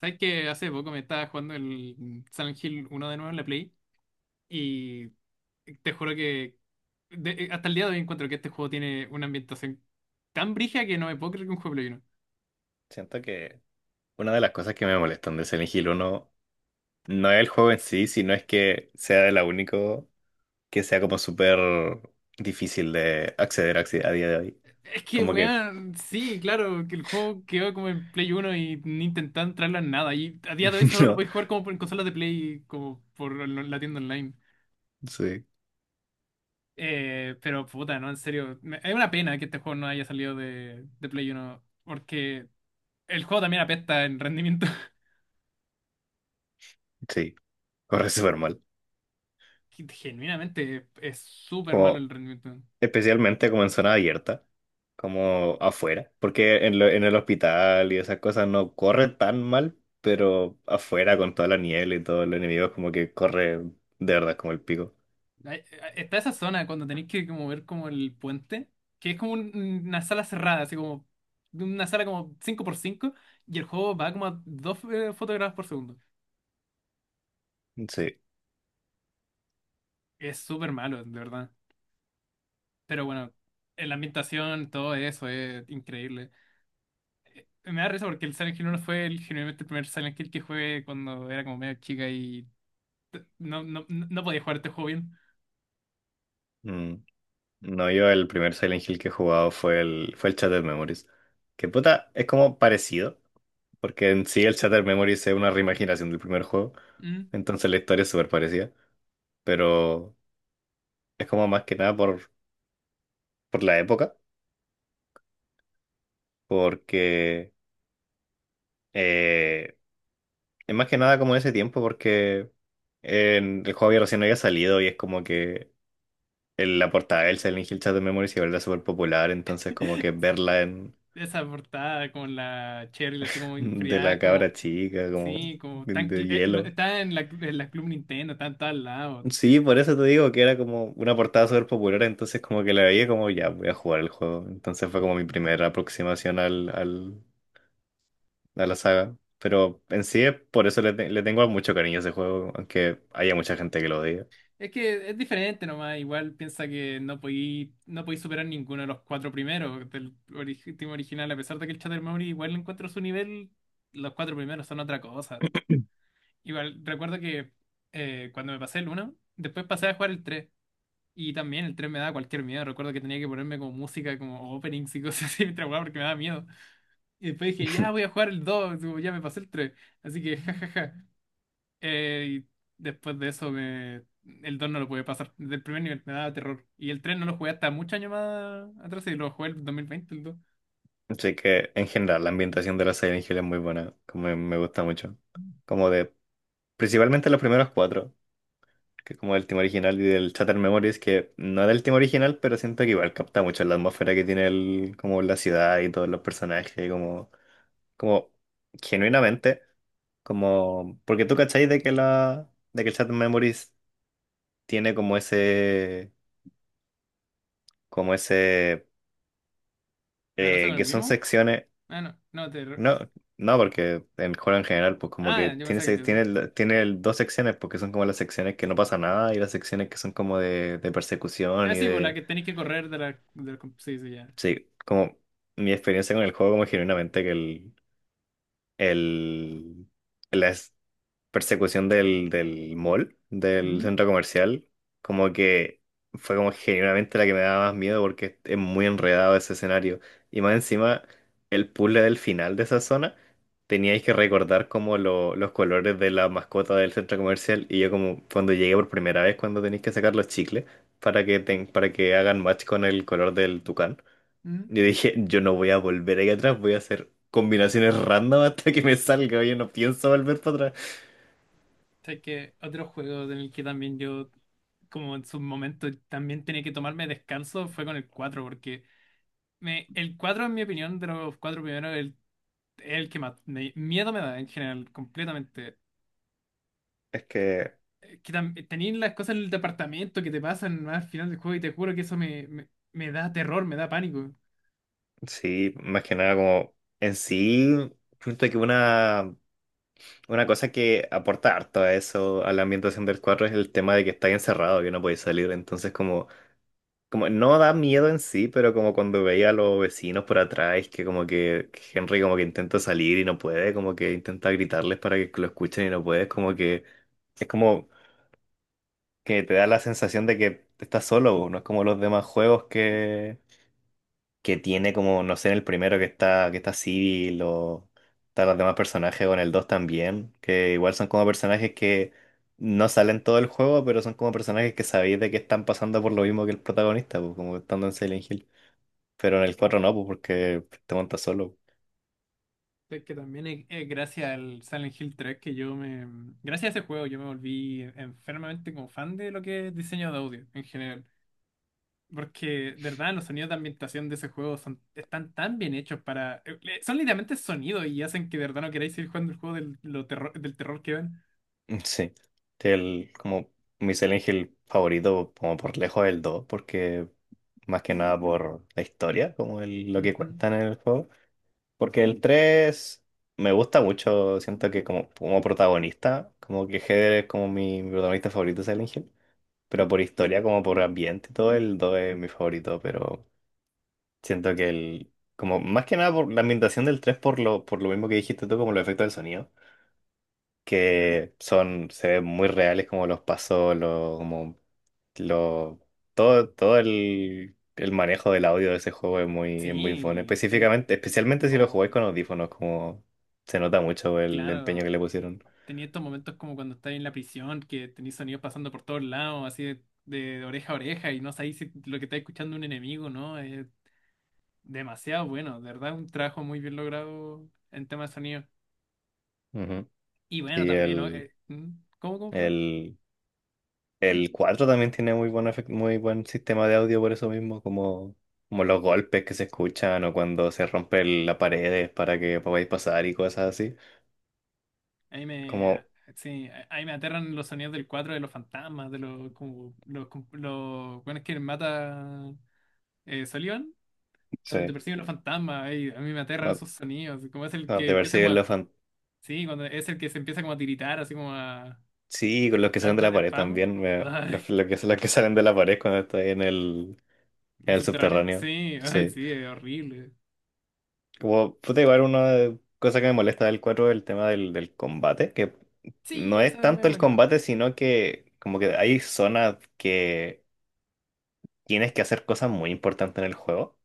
¿Sabes que hace poco me estaba jugando el Silent Hill uno de nuevo en la Play? Y te juro que hasta el día de hoy encuentro que este juego tiene una ambientación tan brija que no me puedo creer que un juego de Play uno. Siento que una de las cosas que me molestan de Silent Hill 1 no es el juego en sí, sino es que sea el único que sea como súper difícil de acceder a día de hoy. Es que, Como que, weón, sí, claro, que el juego quedó como en Play uno y ni intentaron traerlo en nada. Y a día de hoy solo lo no, podéis jugar en consolas de Play, la tienda online. sí, Pero puta, no, en serio. Es una pena que este juego no haya salido de Play uno porque el juego también apesta en rendimiento. sí, corre súper mal. Que genuinamente es súper malo Como, el rendimiento. especialmente como en zona abierta, como afuera, porque en el hospital y esas cosas no corre tan mal, pero afuera con toda la niebla y todos los enemigos como que corre de verdad como el pico. Hay- Está esa zona cuando tenéis que como ver como el puente, que es como una sala cerrada, así como una sala como cinco por cinco y el juego va como a 2 fotogramas por segundo. Sí. Es súper malo, de verdad. Pero bueno, La ambientación, todo eso es increíble. Me da risa porque el Silent Hill 1 fue genuinamente el primer Silent Hill que jugué cuando era como medio chica y no, no, no podía jugar este juego bien. Mm. No, yo el primer Silent Hill que he jugado fue el Shattered Memories. Que puta, es como parecido, porque en sí el Shattered Memories es una reimaginación del primer juego, Mm. entonces la historia es súper parecida, pero es como más que nada por la época, porque eh, es más que nada como ese tiempo, porque el juego había recién había salido y es como que la portada del Silent Hill Shattered Memories igual era súper popular, entonces como que verla en, Esa portada con la Cheryl así como de la enfriada, como, cabra chica, como sí, como de tan, de hielo. está en la Club Nintendo, está en todos lados, sí. Sí, por eso te digo que era como una portada súper popular, entonces como que la veía como ya voy a jugar el juego. Entonces fue como mi primera aproximación a la saga. Pero en sí, es por eso le tengo mucho cariño a ese juego, aunque haya mucha gente que lo odia. Es que es diferente nomás, igual piensa que no podí superar ninguno de los cuatro primeros del team original, a pesar de que el Chatter Memory igual encuentro su nivel, los cuatro primeros son otra cosa. Igual, recuerdo que cuando me pasé el uno después pasé a jugar el tres. Y también el 3 me daba cualquier miedo. Recuerdo que tenía que ponerme como música, como openings y cosas así mientras jugaba porque me daba miedo. Y después dije, ya voy a jugar el 2 como ya me pasé el tres. Así que, jajaja. Y después de eso, me... El 2 no lo pude pasar. Desde el primer nivel me daba terror. Y el 3 no lo jugué hasta muchos años más atrás y lo jugué el 2020, el 2. Así que en general la ambientación de la Silent Hill es muy buena, como me gusta mucho. Como de, principalmente los primeros cuatro, que es como el tema original y del Shattered Memories, que no es el tema original, pero siento que igual capta mucho la atmósfera que tiene el, como la ciudad y todos los personajes, como, como genuinamente, como, porque tú cachai de que el Shattered Memories tiene como ese, como ese, La cosa con el que son Wimo. secciones, Ah, no, no, terror. no, no, porque en juego en general, pues como que Ah, yo tiene, pensaba que se- yo sé. tiene, la- tiene el- dos secciones, porque son como las secciones que no pasa nada y las secciones que son como de persecución Ah, y sí, por la de. que tenéis que correr de la... De la... Sí, sí, ya. Sí, como mi experiencia con el juego, como genuinamente que el, la persecución del mall, del ¿Mm? centro comercial, como que fue como genuinamente la que me daba más miedo porque es muy enredado ese escenario. Y más encima, el puzzle del final de esa zona, teníais que recordar como los colores de la mascota del centro comercial. Y yo como cuando llegué por primera vez, cuando tenéis que sacar los chicles para que hagan match con el color del tucán. ¿Mm? Yo dije, yo no voy a volver ahí atrás, voy a hacer combinaciones random hasta que me salga. Yo no pienso volver para atrás. O que otro juego en el que también yo, como en su momento, también tenía que tomarme descanso fue con el 4 porque... El cuatro, en mi opinión, de los cuatro primeros, el que más miedo me da, en general, completamente. Es que, Que tenéis las cosas en el departamento que te pasan más al final del juego y te juro que eso me da terror, me da pánico. sí, más que nada como en sí, siento que una cosa que aporta harto a eso, a la ambientación del cuadro, es el tema de que estáis encerrado, que no podéis salir. Entonces como no da miedo en sí, pero como cuando veía a los vecinos por atrás, que como que Henry como que intenta salir y no puede, como que intenta gritarles para que lo escuchen y no puede, es como que... Es como que te da la sensación de que estás solo, po, no es como los demás juegos que tiene como, no sé, en el primero que está, Civil o están los demás personajes o en el 2 también, que igual son como personajes que no salen todo el juego, pero son como personajes que sabéis de que están pasando por lo mismo que el protagonista, po, como estando en Silent Hill. Pero en el cuatro no, pues porque te montas solo. Es que también es gracias al Silent Hill 3 que yo me... Gracias a ese juego yo me volví enfermamente como fan de lo que es diseño de audio en general. Porque, de verdad, los sonidos de ambientación de ese juego son, están tan bien hechos para... Son literalmente sonidos y hacen que de verdad no queráis seguir jugando el juego del terror que ven. Sí. El, como mi Silent Hill favorito, como por lejos el 2 porque más que nada por la historia, como lo que Ujú. cuentan en el juego. Porque el 3 me gusta mucho, siento que como, como protagonista, como que Heather es como mi protagonista favorito de Silent Hill, pero por historia, como por ambiente y todo, el 2 es mi favorito, pero siento que el, como más que nada por la ambientación del 3 por lo mismo que dijiste tú, como los efectos del sonido que son, se ven muy reales como los pasos, lo, como lo, todo el manejo del audio de ese juego es muy bueno. Sí, Específicamente, especialmente si lo como, jugáis con audífonos, como se nota mucho el empeño que claro, le pusieron. tenía estos momentos como cuando estás en la prisión, que tenéis sonidos pasando por todos lados, así de oreja a oreja, y no sabéis si lo que está escuchando un enemigo, ¿no? Es demasiado bueno, de verdad, un trabajo muy bien logrado en tema de sonido. Ujú. Y bueno, Y también, ¿no? ¿Mm? ¿Cómo, perdón? el, el 4 también tiene muy buen sistema de audio por eso mismo, como los golpes que se escuchan o cuando se rompe la pared para que podáis pasar y cosas así. Ahí me, Como, ah, sí, ahí me aterran los sonidos del 4 de los fantasmas, de los, como, los, los, bueno, es que mata Sullivan. Cuando te sí. persiguen los fantasmas, ahí, a mí me aterran esos sonidos, como es el Ah, que de ver empieza si como a... Sí, cuando es el que se empieza como a tiritar, así como a, sí, con los que a salen de la dar pared spam. también. Los, Ay, los que, los que salen de la pared cuando está ahí en el, en el el subterráneo. subterráneo. Sí, ay, Sí. sí, es horrible. Como, puta, igual una cosa que me molesta del 4 es el tema del combate. Que Sí, no es eso es tanto medio el bonito. combate, sino que como que hay zonas que tienes que hacer cosas muy importantes en el juego.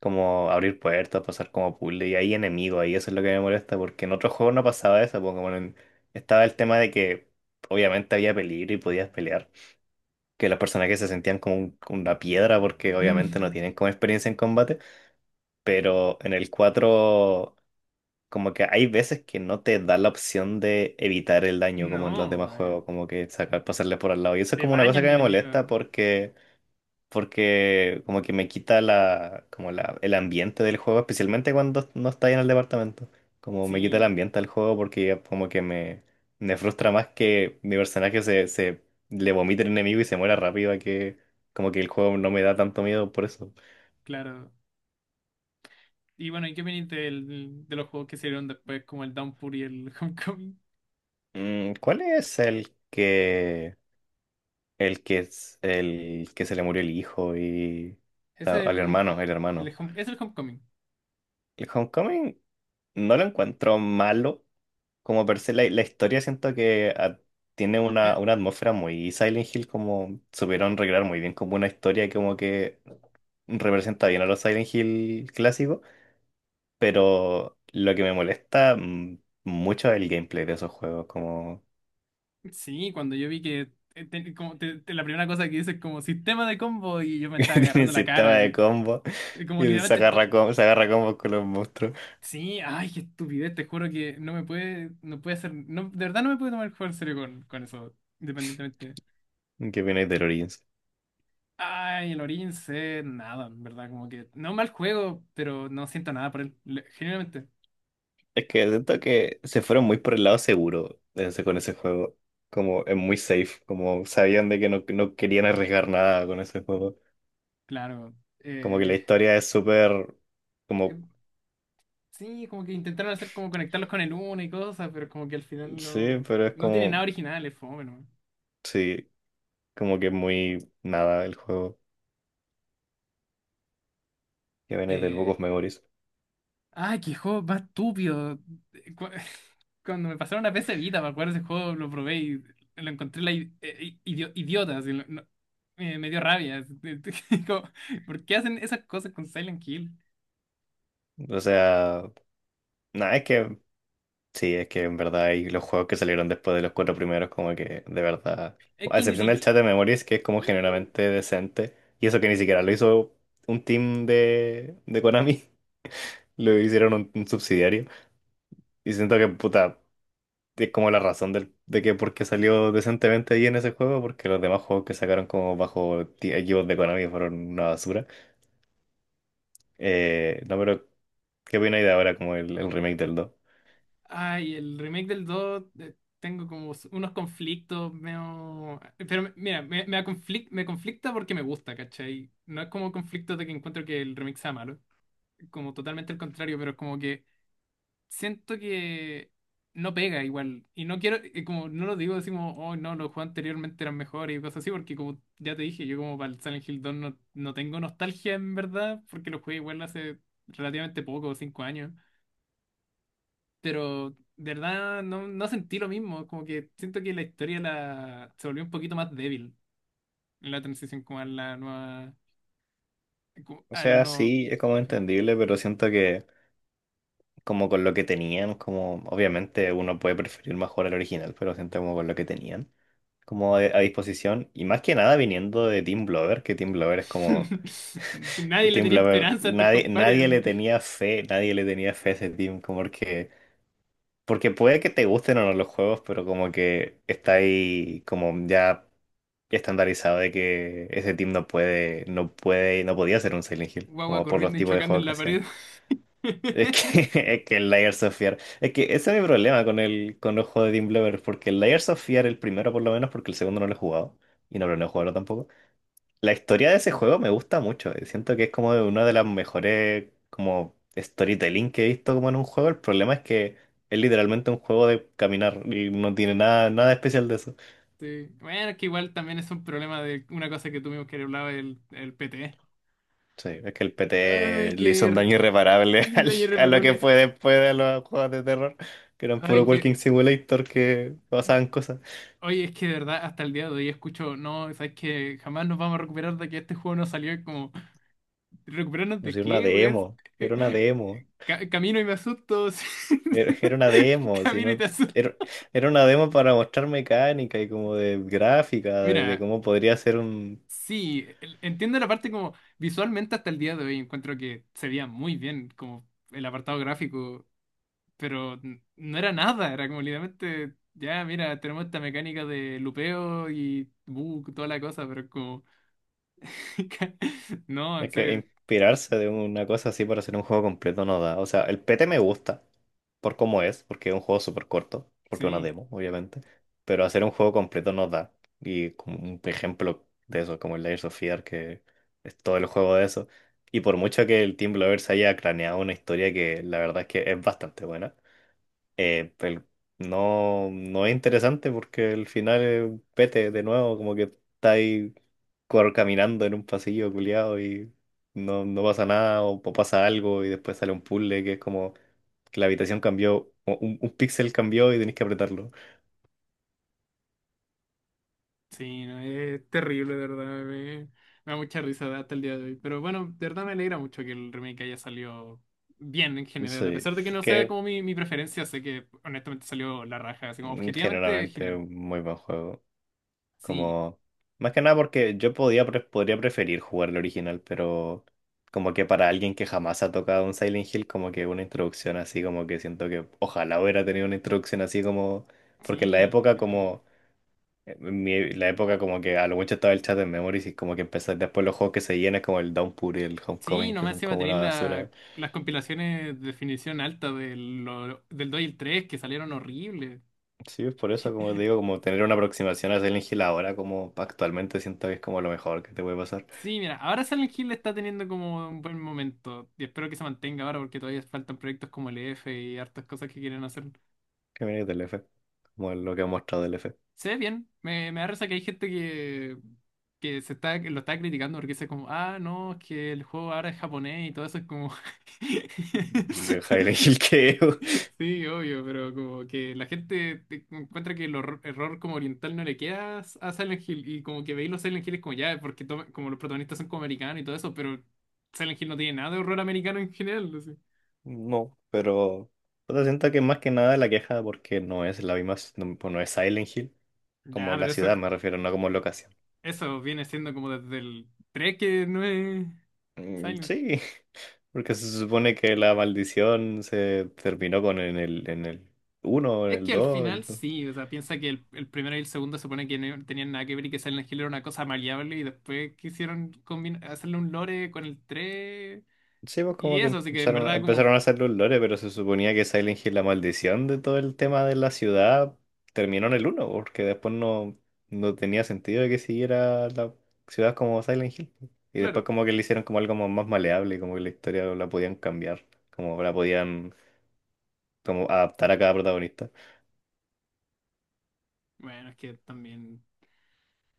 Como abrir puertas, pasar como puzzle. Y hay enemigos ahí, eso es lo que me molesta. Porque en otros juegos no pasaba eso. Porque, bueno, estaba el tema de que obviamente había peligro y podías pelear, que los personajes se sentían como como una piedra porque obviamente no tienen como experiencia en combate, pero en el 4 como que hay veces que no te da la opción de evitar el daño como en los demás No, juegos, como que sacar, pasarle por al lado. Y eso es te como una cosa bañan que de me molesta enemigos. porque como que me quita la, como la, el ambiente del juego, especialmente cuando no está ahí en el departamento. Como me quita el Sí, ambiente del juego porque ya como que me frustra más que mi personaje se le vomite el enemigo y se muera rápido a que como que el juego no me da tanto miedo por eso. claro. Y bueno, ¿y qué opinas de los juegos que salieron después, como el Downpour y el Homecoming? Mm, ¿cuál es el que es el que se le murió el hijo y Es al el, el hermano? home- es el Homecoming. El Homecoming no lo encuentro malo como per se la historia siento que tiene una, Eh, una atmósfera muy Silent Hill, como supieron recrear muy bien como una historia que como que representa bien a los Silent Hill clásicos, pero lo que me molesta mucho es el gameplay de esos juegos, como sí, cuando yo vi que la primera cosa que dice es como sistema de combo y yo me que estaba tienen agarrando la cara, sistema de así. combo Y como y se literalmente agarra, com- se agarra combos con los monstruos. sí, ay, qué estupidez, te juro que no me puede, no puede hacer, no, de verdad no me puede tomar el juego en serio con eso, independientemente. ¿Qué viene de Origins? Ay, el Origins es nada, en verdad, como que, no mal juego, pero no siento nada por él, genuinamente, Es que siento que se fueron muy por el lado seguro con ese juego. Como es muy safe, como sabían de que no querían arriesgar nada con ese juego. claro. Como que la historia es súper, eh, como, sí, como que intentaron hacer como conectarlos con el 1 y cosas, pero como que al final sí, no, pero es no tiene como, nada original, es fome, ¿no? sí, como que es muy nada el juego que viene del Book Eh, of Memories. Ay, qué juego más estúpido. Eh, Cu- Cuando me pasaron a PC Vita, me acuerdo ese juego, lo probé y lo encontré la idiota. Así, me dio rabia. Como, ¿por qué hacen esas cosas con Silent Hill? O sea, nada, es que sí, es que en verdad y los juegos que salieron después de los cuatro primeros, como que de verdad, Es a que ni excepción del siquiera. chat de Memories, que es como generalmente decente, y eso que ni siquiera lo hizo un team de Konami, lo hicieron un subsidiario, y siento que puta, es como la razón del, de que por qué salió decentemente ahí en ese juego, porque los demás juegos que sacaron como bajo equipos de Konami fueron una basura. No, pero ¿qué opináis de ahora como el remake del dos? Ay, el remake del 2. Tengo como unos conflictos, medio... Pero me- mira, me, conflic- me conflicta porque me gusta, ¿cachai? No es como conflicto de que encuentro que el remake sea malo, como totalmente el contrario, pero es como que siento que no pega igual. Y no quiero, como no lo digo así como, oh no, los juegos anteriormente eran mejores y cosas así, porque como ya te dije, yo como para el Silent Hill 2 no, no tengo nostalgia en verdad, porque lo jugué igual hace relativamente poco, 5 años. Pero de verdad no, no sentí lo mismo, como que siento que la historia se volvió un poquito más débil en la transición como a la nueva, como O al sea, no... sí, es como entendible, pero siento que como con lo que tenían, como obviamente uno puede preferir mejor el original, pero siento como con lo que tenían, como a disposición. Y más que nada viniendo de Team Blover, que Team Blover es como... Que nadie le Team tenía Blover, esperanza a estos nadie, compadres. nadie le tenía fe, nadie le tenía fe a ese team, como porque, puede que te gusten o no los juegos, pero como que está ahí como ya estandarizado de que ese team no podía ser un Silent Hill, Guagua como por los corriendo y tipos de chocando en juegos que la hacían. pared. Es que, es que el Layers of Fear. Es que ese es mi problema con el con los juegos de Team Bloober, porque el Layers of Fear, el primero por lo menos, porque el segundo no lo he jugado. Y no planeo jugarlo tampoco. La historia de ese juego me gusta mucho. Siento que es como una de las mejores como storytelling que he visto como en un juego. El problema es que es literalmente un juego de caminar y no tiene nada, nada especial de eso. Sí. Bueno, que igual también es un problema de una cosa que tuvimos que hablar el PT. Sí, es que el PT Ay, le hizo un daño irreparable un al- daño a lo que irreparable. fue después de los juegos de terror, que eran Ay, puro que. Walking Simulator que pasaban cosas. Oye, es que de verdad, hasta el día de hoy escucho, no, sabes que jamás nos vamos a recuperar de que este juego no salió. Es como, ¿recuperarnos Pues de era una qué, weón? demo, Eh, era una demo, camino y me asusto. Sí. era, era una demo, si Camino y no, te era, asusto. era una demo para mostrar mecánica y como de gráfica, de Mira, cómo podría ser un, sí, entiendo la parte como visualmente hasta el día de hoy encuentro que se veía muy bien, como el apartado gráfico. Pero no era nada, era como literalmente, ya, mira, tenemos esta mecánica de lupeo y bug, toda la cosa, pero es como, no, en es que serio, inspirarse de una cosa así para hacer un juego completo no da. O sea, el PT me gusta por cómo es, porque es un juego súper corto, porque es una sí, demo, obviamente. Pero hacer un juego completo no da. Y como un ejemplo de eso, como el Layers of Fear, que es todo el juego de eso. Y por mucho que el Team Blovers haya craneado una historia que la verdad es que es bastante buena, eh, el- no, no es interesante porque el final es pete de nuevo, como que está ahí cor- caminando en un pasillo culiado y no, no pasa nada o, o pasa algo y después sale un puzzle que es como que la habitación cambió, o un píxel cambió y tenés que apretarlo. sí, no, es terrible, de verdad, me da mucha risa hasta el día de hoy, pero bueno, de verdad me alegra mucho que el remake haya salido bien en general, a Sí, pesar de que no sea que como mi preferencia, sé que honestamente salió la raja, así como objetivamente generalmente es genial, un muy buen juego. sí, Como, más que nada porque yo podía, pre- podría preferir jugar el original, pero como que para alguien que jamás ha tocado un Silent Hill, como que una introducción así, como que siento que ojalá hubiera tenido una introducción así como, porque en la sí, en época general. como, en mi- la época como que a lo mucho estaba el chat en Memories y como que empecé después los juegos que se llenan como el Downpour y el Sí, Homecoming, que nomás son se va a como tener una basura. Las compilaciones de definición alta del 2 y el 3 que salieron horribles. Sí, es por eso, como te digo, como tener una aproximación a Silent Hill ahora, como actualmente siento que es como lo mejor que te puede pasar. Sí, mira, ahora Silent Hill está teniendo como un buen momento y espero que se mantenga ahora porque todavía faltan proyectos como el EF y hartas cosas que quieren hacer. Que viene del F, como lo que ha mostrado el F. Se ve bien, me da risa que hay gente que, lo está criticando porque dice como, ah, no, es que el juego ahora es japonés y todo eso es como... Y el Hill que Sí, obvio, pero como que la gente encuentra que el error como oriental no le queda a Silent Hill y como que veis los Silent Hill es como ya, porque como los protagonistas son como americanos y todo eso, pero Silent Hill no tiene nada de horror americano en general. Así. no, pero puta, siento que más que nada la queja porque no es la misma, no, pues no es Silent Hill, Ya, como la pero eso, ciudad me refiero, no como locación. eso viene siendo como desde el 3 que no es Mm, Silent Hill. sí, porque se supone que la maldición se terminó con en el uno en Es el que al dos. final sí, o sea, piensa que el primero y el segundo se supone que no tenían nada que ver y que Silent Hill era una cosa maleable y después quisieron hacerle un lore con el 3 Sí, pues y como que eso, así que en empezaron, verdad como, empezaron a hacer los lore, pero se suponía que Silent Hill, la maldición de todo el tema de la ciudad, terminó en el uno porque después no, no tenía sentido de que siguiera la ciudad como Silent Hill. Y después claro. como que le hicieron como algo como más maleable, como que la historia la podían cambiar, como la podían como adaptar a cada protagonista. Bueno, es que también.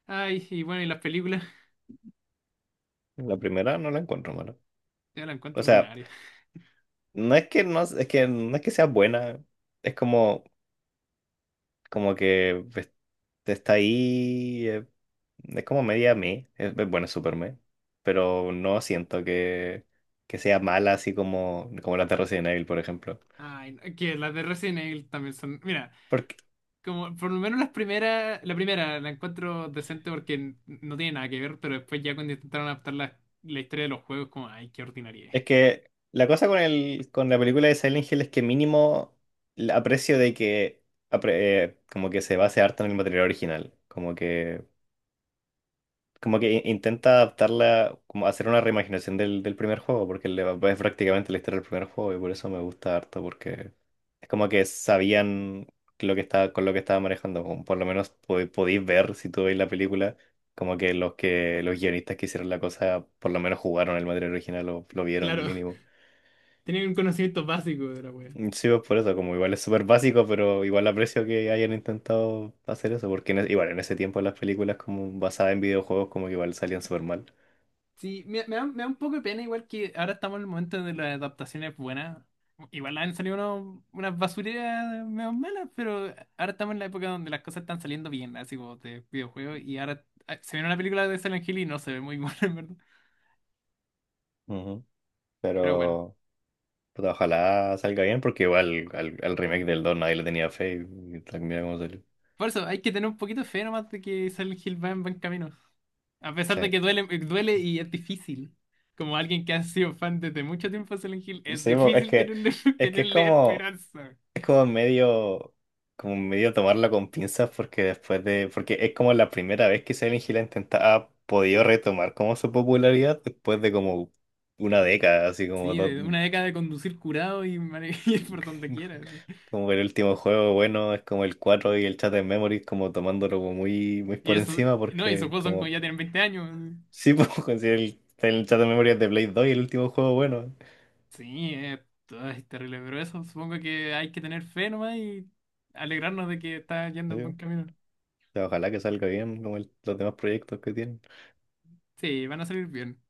Ay, y bueno, y las películas, La primera no la encuentro mala. yo las O encuentro sea, ordinarias. Es que no es que sea buena, es como. Como que pues, está ahí, es como media me, es- bueno, es super me, pero no siento que sea mala así como, como las de Resident Evil, por ejemplo. Ay, no, es que las de Resident Evil también son. Mira, Porque como por lo menos las primeras, la primera la encuentro decente porque no tiene nada que ver, pero después ya cuando intentaron adaptar la historia de los juegos, como, ay, qué ordinaria. Es que la cosa con, con la película de Silent Hill es que mínimo la aprecio de que apre- como que se base harto en el material original, como que in- intenta adaptarla, como hacer una reimaginación del, del primer juego, porque le, es prácticamente la historia del primer juego y por eso me gusta harto, porque es como que sabían lo que estaba, con lo que estaba manejando, como por lo menos po- podéis ver si tú veis la película, como que los guionistas que hicieron la cosa por lo menos jugaron el material original o lo vieron Claro, mínimo. tenían un conocimiento básico de la wea. Mm, sí, pues por eso, como igual es súper básico, pero igual aprecio que hayan intentado hacer eso, porque en, e- igual en ese tiempo las películas como basadas en videojuegos como que igual salían súper mal. Sí, me da un poco de pena, igual que ahora estamos en el momento de las adaptaciones buenas. Igual han salido unas basureras medio malas, pero ahora estamos en la época donde las cosas están saliendo bien, así como de videojuegos, y ahora se ve una película de Silent Hill y no se ve muy buena, en verdad. Pero bueno, Pero puta, ojalá salga bien porque igual al, al remake del 2 nadie le tenía fe y tal, mira cómo salió. por eso hay que tener un poquito de fe nomás de que Silent Hill va en buen camino. A pesar Sí. de que duele, duele y es difícil. Como alguien que ha sido fan desde mucho tiempo de Silent Hill, es Sí, bo- es difícil que tenerle, es que tenerle esperanza. es como medio tomarlo con pinzas porque después de porque es como la primera vez que Silent Hill ha intenta- ha podido retomar como su popularidad después de como una década, así como Sí, dos, de una década de conducir curado y ir por donde quieras. como el último juego bueno es como el 4 y el Chat en Memories como tomándolo como muy muy Y por eso, encima no, y esos porque juegos son como como ya tienen 20 años. sí, pues conseguí el chat de memoria de Blade 2 y el último juego bueno. Sí, ay, terrible, pero eso supongo que hay que tener fe nomás y alegrarnos de que está yendo Sí. en O buen camino. sea, ojalá que salga bien como el- los demás proyectos que tiene. Sí, van a salir bien.